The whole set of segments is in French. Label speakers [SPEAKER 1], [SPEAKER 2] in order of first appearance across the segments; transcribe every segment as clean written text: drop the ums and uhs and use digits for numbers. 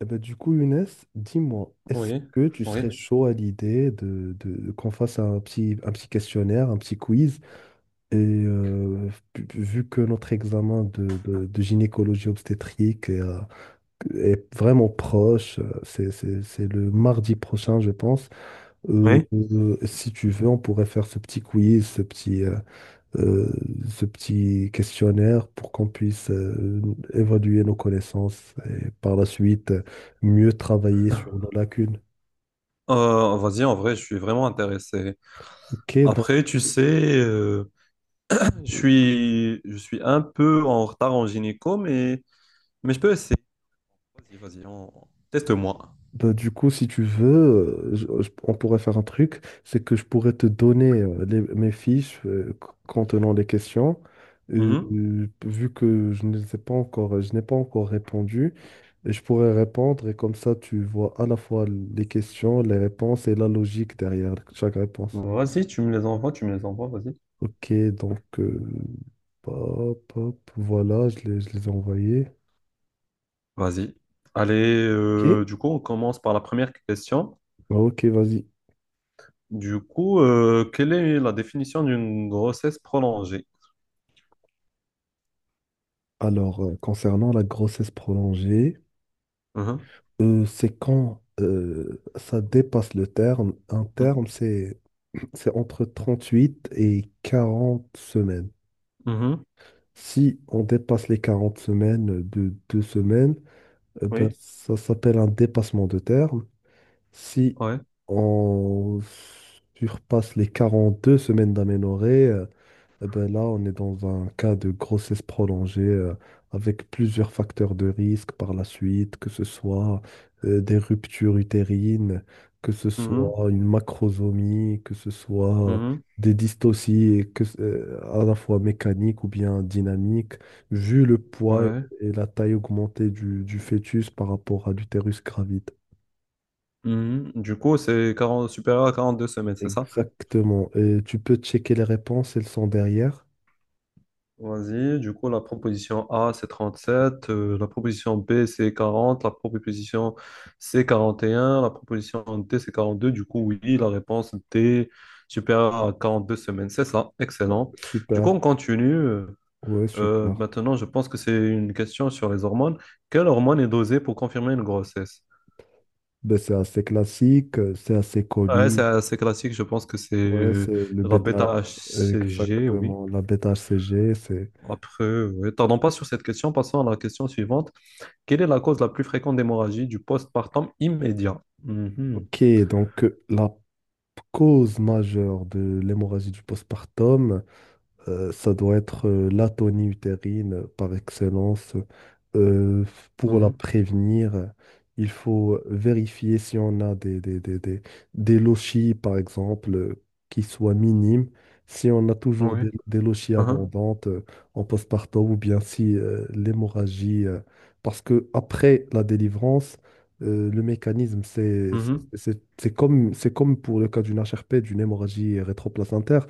[SPEAKER 1] Eh ben, du coup, Younes, dis-moi, est-ce
[SPEAKER 2] Oui,
[SPEAKER 1] que tu
[SPEAKER 2] oui.
[SPEAKER 1] serais chaud à l'idée qu'on fasse un petit questionnaire, un petit quiz? Et euh, vu que notre examen de gynécologie obstétrique est, est vraiment proche, c'est le mardi prochain, je pense.
[SPEAKER 2] Oui.
[SPEAKER 1] Si tu veux, on pourrait faire ce petit quiz, euh, ce petit questionnaire pour qu'on puisse évaluer nos connaissances et par la suite mieux travailler sur nos lacunes.
[SPEAKER 2] Vas-y, en vrai, je suis vraiment intéressé.
[SPEAKER 1] Ok,
[SPEAKER 2] Après,
[SPEAKER 1] donc
[SPEAKER 2] tu sais, je suis un peu en retard en gynéco, mais je peux essayer. Vas-y, vas-y, teste-moi.
[SPEAKER 1] bah, du coup, si tu veux, on pourrait faire un truc, c'est que je pourrais te donner mes fiches contenant les questions.
[SPEAKER 2] Mhm.
[SPEAKER 1] Vu que je ne sais pas encore, je n'ai pas encore répondu, et je pourrais répondre, et comme ça tu vois à la fois les questions, les réponses et la logique derrière chaque réponse.
[SPEAKER 2] Vas-y, tu me les envoies, vas-y.
[SPEAKER 1] Ok, donc hop, hop, voilà, je les ai envoyés.
[SPEAKER 2] Vas-y. Allez,
[SPEAKER 1] Ok.
[SPEAKER 2] du coup, on commence par la première question.
[SPEAKER 1] Ah, ok, vas-y.
[SPEAKER 2] Du coup, quelle est la définition d'une grossesse prolongée?
[SPEAKER 1] Alors, concernant la grossesse prolongée,
[SPEAKER 2] Mhm.
[SPEAKER 1] c'est quand ça dépasse le terme. Un
[SPEAKER 2] Mhm.
[SPEAKER 1] terme, c'est entre 38 et 40 semaines.
[SPEAKER 2] Mhm.
[SPEAKER 1] Si on dépasse les 40 semaines de 2 semaines, ben,
[SPEAKER 2] Oui,
[SPEAKER 1] ça s'appelle un dépassement de terme. Si
[SPEAKER 2] ouais.
[SPEAKER 1] on surpasse les 42 semaines d'aménorrhée, eh ben là, on est dans un cas de grossesse prolongée avec plusieurs facteurs de risque par la suite, que ce soit des ruptures utérines, que ce
[SPEAKER 2] Mhm.
[SPEAKER 1] soit une macrosomie, que ce soit
[SPEAKER 2] Mhm.
[SPEAKER 1] des dystocies à la fois mécaniques ou bien dynamiques. Vu le poids et
[SPEAKER 2] Ouais.
[SPEAKER 1] et la taille augmentée du fœtus par rapport à l'utérus gravite.
[SPEAKER 2] Mhm. Du coup, c'est 40 supérieur à 42 semaines, c'est ça?
[SPEAKER 1] Exactement. Et tu peux checker les réponses, elles sont derrière.
[SPEAKER 2] Vas-y. Du coup, la proposition A, c'est 37. La proposition B, c'est quarante. La proposition C, quarante et un. La proposition D, c'est 42. Du coup, oui, la réponse D, supérieure à 42 semaines, c'est ça.
[SPEAKER 1] Ouais,
[SPEAKER 2] Excellent. Du coup,
[SPEAKER 1] super.
[SPEAKER 2] on continue.
[SPEAKER 1] Ouais, super.
[SPEAKER 2] Maintenant, je pense que c'est une question sur les hormones. Quelle hormone est dosée pour confirmer une grossesse?
[SPEAKER 1] Ben, c'est assez classique, c'est assez
[SPEAKER 2] Ouais, c'est
[SPEAKER 1] connu.
[SPEAKER 2] assez classique. Je pense que c'est
[SPEAKER 1] Ouais. Mm. C'est le
[SPEAKER 2] la
[SPEAKER 1] bêta,
[SPEAKER 2] bêta-HCG, oui.
[SPEAKER 1] exactement, la bêta HCG, c'est...
[SPEAKER 2] Après, ouais, tardons pas sur cette question, passons à la question suivante. Quelle est la cause la plus fréquente d'hémorragie du postpartum immédiat? Mhm,
[SPEAKER 1] Ok, donc la cause majeure de l'hémorragie du postpartum, ça doit être l'atonie utérine par excellence. Euh, pour la
[SPEAKER 2] mhm,
[SPEAKER 1] prévenir, il faut vérifier si on a des lochies, par exemple, qui soient minimes. Si on a toujours
[SPEAKER 2] ouais,
[SPEAKER 1] des lochies
[SPEAKER 2] uhum,
[SPEAKER 1] abondantes en postpartum, ou bien si l'hémorragie, parce que après la délivrance, le mécanisme,
[SPEAKER 2] mhm,
[SPEAKER 1] c'est comme pour le cas d'une HRP, d'une hémorragie rétroplacentaire,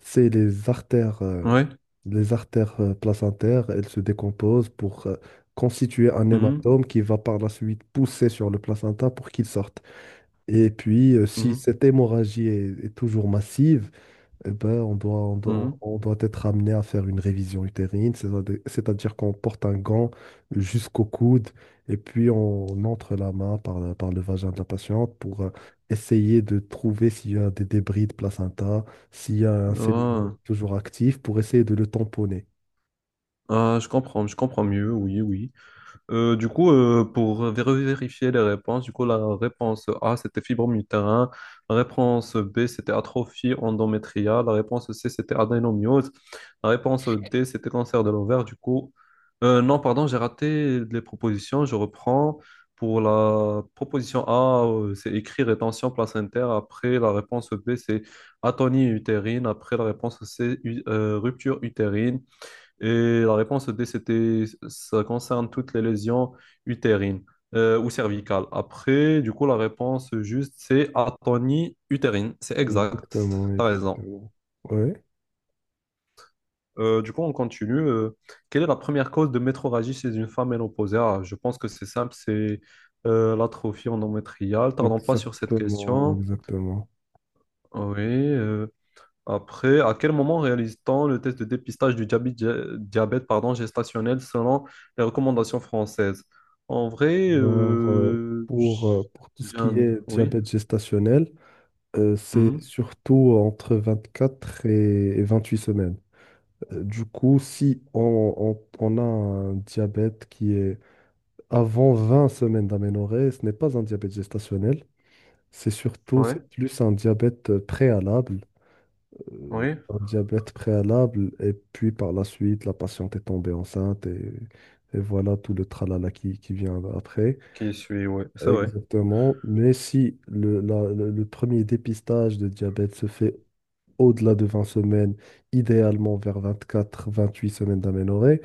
[SPEAKER 1] c'est
[SPEAKER 2] ouais,
[SPEAKER 1] les artères placentaires, elles se décomposent pour constituer un
[SPEAKER 2] mhm,
[SPEAKER 1] hématome qui va par la suite pousser sur le placenta pour qu'il sorte. Et puis, si
[SPEAKER 2] mhm,
[SPEAKER 1] cette hémorragie est toujours massive, eh ben,
[SPEAKER 2] mhm.
[SPEAKER 1] on doit être amené à faire une révision utérine, c'est-à-dire qu'on porte un gant jusqu'au coude et puis on entre la main par le vagin de la patiente pour essayer de trouver s'il y a des débris de placenta, s'il y a un cellulome toujours actif pour essayer de le tamponner.
[SPEAKER 2] Ah, ah, je comprends mieux, oui, oui. Pour vérifier les réponses, du coup, la réponse A, c'était fibrome utérin. La réponse B, c'était atrophie endométriale. La réponse C, c'était adénomyose. La réponse D, c'était cancer de l'ovaire. Du coup, non, pardon, j'ai raté les propositions. Je reprends. Pour la proposition A, c'est écrit rétention placentaire. Après, la réponse B, c'est atonie utérine. Après, la réponse C, rupture utérine. Et la réponse D, c'était, ça concerne toutes les lésions utérines ou cervicales. Après, du coup, la réponse juste, c'est atonie utérine. C'est exact.
[SPEAKER 1] Exactement,
[SPEAKER 2] T'as raison.
[SPEAKER 1] exactement. Oui,
[SPEAKER 2] Du coup, on continue. Quelle est la première cause de métrorragie chez une femme ménopausée? Ah, je pense que c'est simple, c'est l'atrophie endométriale. Tardons pas sur cette
[SPEAKER 1] exactement,
[SPEAKER 2] question.
[SPEAKER 1] exactement.
[SPEAKER 2] Oui. Après, à quel moment réalise-t-on le test de dépistage du diabète, pardon, gestationnel selon les recommandations françaises? En vrai,
[SPEAKER 1] Alors, pour tout ce
[SPEAKER 2] j'ai
[SPEAKER 1] qui
[SPEAKER 2] un...
[SPEAKER 1] est
[SPEAKER 2] Oui,
[SPEAKER 1] diabète gestationnel, c'est
[SPEAKER 2] mhm,
[SPEAKER 1] surtout entre 24 et 28 semaines. Du coup, si on, on a un diabète qui est avant 20 semaines d'aménorrhée, ce n'est pas un diabète gestationnel. C'est surtout,
[SPEAKER 2] ouais,
[SPEAKER 1] c'est plus un diabète préalable. Euh,
[SPEAKER 2] oui,
[SPEAKER 1] un diabète préalable, et puis par la suite, la patiente est tombée enceinte, et voilà tout le tralala qui vient après.
[SPEAKER 2] qui suit, ouais, c'est vrai.
[SPEAKER 1] Exactement. Mais si le, la- le premier dépistage de diabète se fait au-delà de 20 semaines, idéalement vers 24, 28 semaines d'aménorrhée,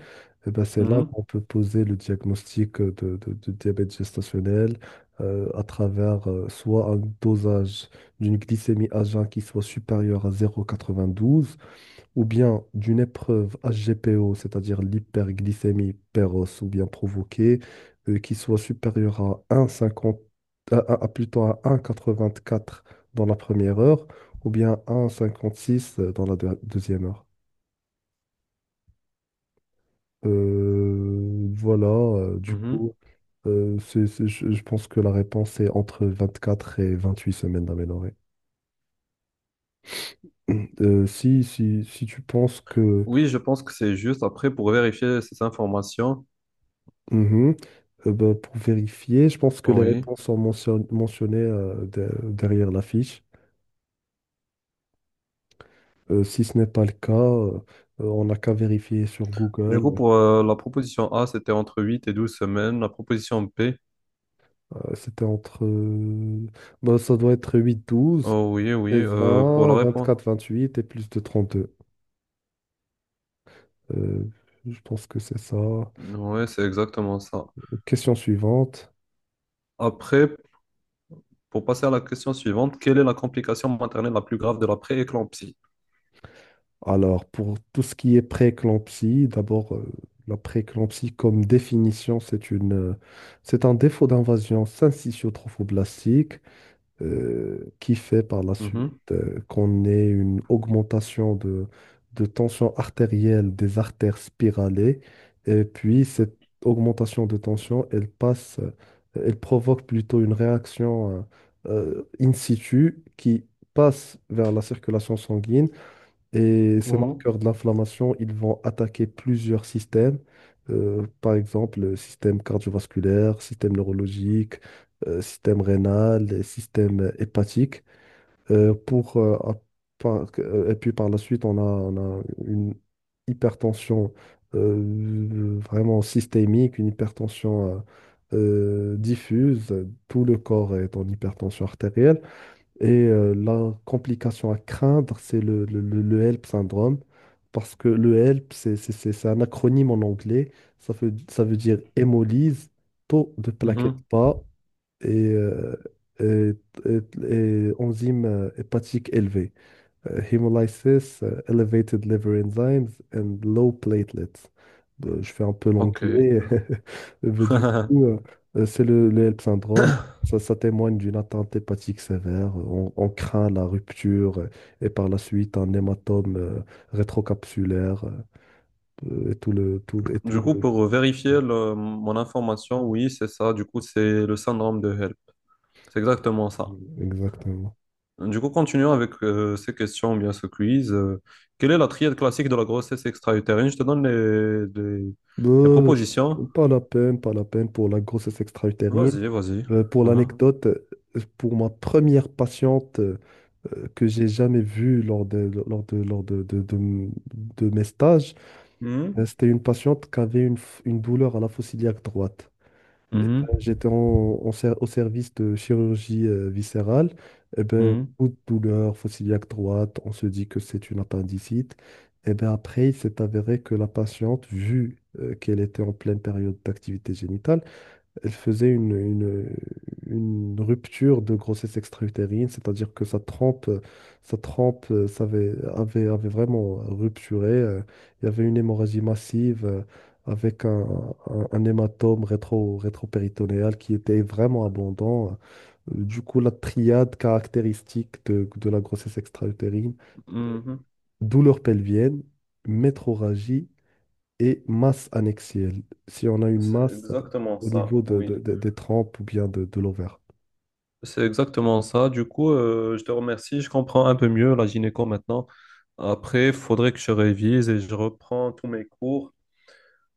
[SPEAKER 1] eh ben, c'est là
[SPEAKER 2] Mhm,
[SPEAKER 1] qu'on peut poser le diagnostic de diabète gestationnel à travers soit un dosage d'une glycémie à jeun qui soit supérieure à 0,92, ou bien d'une épreuve HGPO, c'est-à-dire l'hyperglycémie précoce ou bien provoquée, qui soit supérieure à 1,50, à plutôt à 1,84 dans la première heure, ou bien 1,56 dans la deuxième heure. Voilà.
[SPEAKER 2] mhm.
[SPEAKER 1] Je pense que la réponse est entre 24 et 28 semaines d'aménorrhée. Si tu penses que...
[SPEAKER 2] Oui, je pense que c'est juste après pour vérifier ces informations.
[SPEAKER 1] Mhm. Ben, pour vérifier, je pense que les
[SPEAKER 2] Oui.
[SPEAKER 1] réponses sont mentionnées derrière la fiche. Si ce n'est pas le cas, on n'a qu'à vérifier sur
[SPEAKER 2] Du coup,
[SPEAKER 1] Google.
[SPEAKER 2] pour la proposition A, c'était entre 8 et 12 semaines. La proposition P,
[SPEAKER 1] C'était entre... ben, ça doit être 8, 12,
[SPEAKER 2] oh oui, oui,
[SPEAKER 1] 16,
[SPEAKER 2] pour la
[SPEAKER 1] 20,
[SPEAKER 2] réponse.
[SPEAKER 1] 24, vingt-huit et plus de 32. Euh, je pense que c'est ça.
[SPEAKER 2] Oui, c'est exactement ça.
[SPEAKER 1] Question suivante.
[SPEAKER 2] Après, pour passer à la question suivante, quelle est la complication maternelle la plus grave de la pré-éclampsie?
[SPEAKER 1] Alors, pour tout ce qui est prééclampsie, d'abord, la prééclampsie comme définition, c'est une, c'est un défaut d'invasion syncytiotrophoblastique qui fait par la suite
[SPEAKER 2] Mhm,
[SPEAKER 1] qu'on ait une augmentation de tension artérielle des artères spiralées. Et puis, cette augmentation de tension, elle provoque plutôt une réaction in situ qui passe vers la circulation sanguine, et ces
[SPEAKER 2] mhm,
[SPEAKER 1] marqueurs de l'inflammation, ils vont attaquer plusieurs systèmes, par exemple le système cardiovasculaire, système neurologique, système rénal, et système hépatique. euh, pour, euh, à- et puis par la suite, on a une hypertension vraiment systémique, une hypertension diffuse. Tout le corps est en hypertension artérielle. Et la complication à craindre, c'est le HELP syndrome, parce que le HELP, c'est un acronyme en anglais, ça veut dire hémolyse, taux de plaquettes
[SPEAKER 2] mhm.
[SPEAKER 1] bas, et, euh, et, et enzyme hépatique élevé. Hémolysis, elevated liver enzymes and low platelets. Je fais un peu
[SPEAKER 2] Ok.
[SPEAKER 1] l'anglais. Mais du coup, c'est le HELP syndrome. Ça témoigne d'une atteinte hépatique sévère. On craint la rupture et par la suite un hématome rétrocapsulaire et tout le, tout, et tout
[SPEAKER 2] Du coup,
[SPEAKER 1] le...
[SPEAKER 2] pour vérifier mon information, oui, c'est ça. Du coup, c'est le syndrome de Hell. C'est exactement ça.
[SPEAKER 1] Exactement.
[SPEAKER 2] Du coup, continuons avec ces questions, ou bien ce quiz. Quelle est la triade classique de la grossesse extra-utérine? Je te donne les
[SPEAKER 1] Ben, je-
[SPEAKER 2] propositions.
[SPEAKER 1] Pas la peine, pas la peine pour la grossesse extra-utérine.
[SPEAKER 2] Vas-y, vas-y.
[SPEAKER 1] Ben, pour
[SPEAKER 2] Mhm.
[SPEAKER 1] l'anecdote, pour ma première patiente que j'ai jamais vue lors de, lors de, lors de m- de mes stages,
[SPEAKER 2] Mhm.
[SPEAKER 1] c'était une patiente qui avait une douleur à la fosse iliaque droite. J'étais en, au service de chirurgie viscérale, et ben,
[SPEAKER 2] Mhm,
[SPEAKER 1] coup de douleur fossiliaque droite, on se dit que c'est une appendicite. Et ben après, il s'est avéré que la patiente, vu qu'elle était en pleine période d'activité génitale, elle faisait une rupture de grossesse extra-utérine, c'est-à-dire que sa trempe avait vraiment rupturé. Il y avait une hémorragie massive avec un, un hématome rétro, rétropéritonéal qui était vraiment abondant. Du coup, la triade caractéristique de la grossesse extra-utérine,
[SPEAKER 2] mhm,
[SPEAKER 1] c'est
[SPEAKER 2] mhm.
[SPEAKER 1] douleur pelvienne, métrorragie et masse annexielle. Si on a une
[SPEAKER 2] C'est
[SPEAKER 1] masse
[SPEAKER 2] exactement
[SPEAKER 1] au
[SPEAKER 2] ça,
[SPEAKER 1] niveau
[SPEAKER 2] oui.
[SPEAKER 1] de des trompes ou bien de l'ovaire.
[SPEAKER 2] C'est exactement ça. Du coup, je te remercie. Je comprends un peu mieux la gynéco maintenant. Après, il faudrait que je révise et je reprends tous mes cours.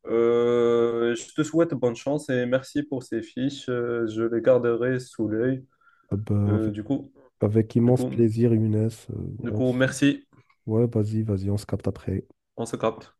[SPEAKER 2] Je te souhaite bonne chance et merci pour ces fiches. Je les garderai sous l'œil.
[SPEAKER 1] Ah bah,
[SPEAKER 2] Euh, du coup,
[SPEAKER 1] avec
[SPEAKER 2] du
[SPEAKER 1] immense
[SPEAKER 2] coup,
[SPEAKER 1] plaisir, Younes.
[SPEAKER 2] du
[SPEAKER 1] On s-
[SPEAKER 2] coup, merci.
[SPEAKER 1] Ouais, vas-y, on se capte après.
[SPEAKER 2] On se capte.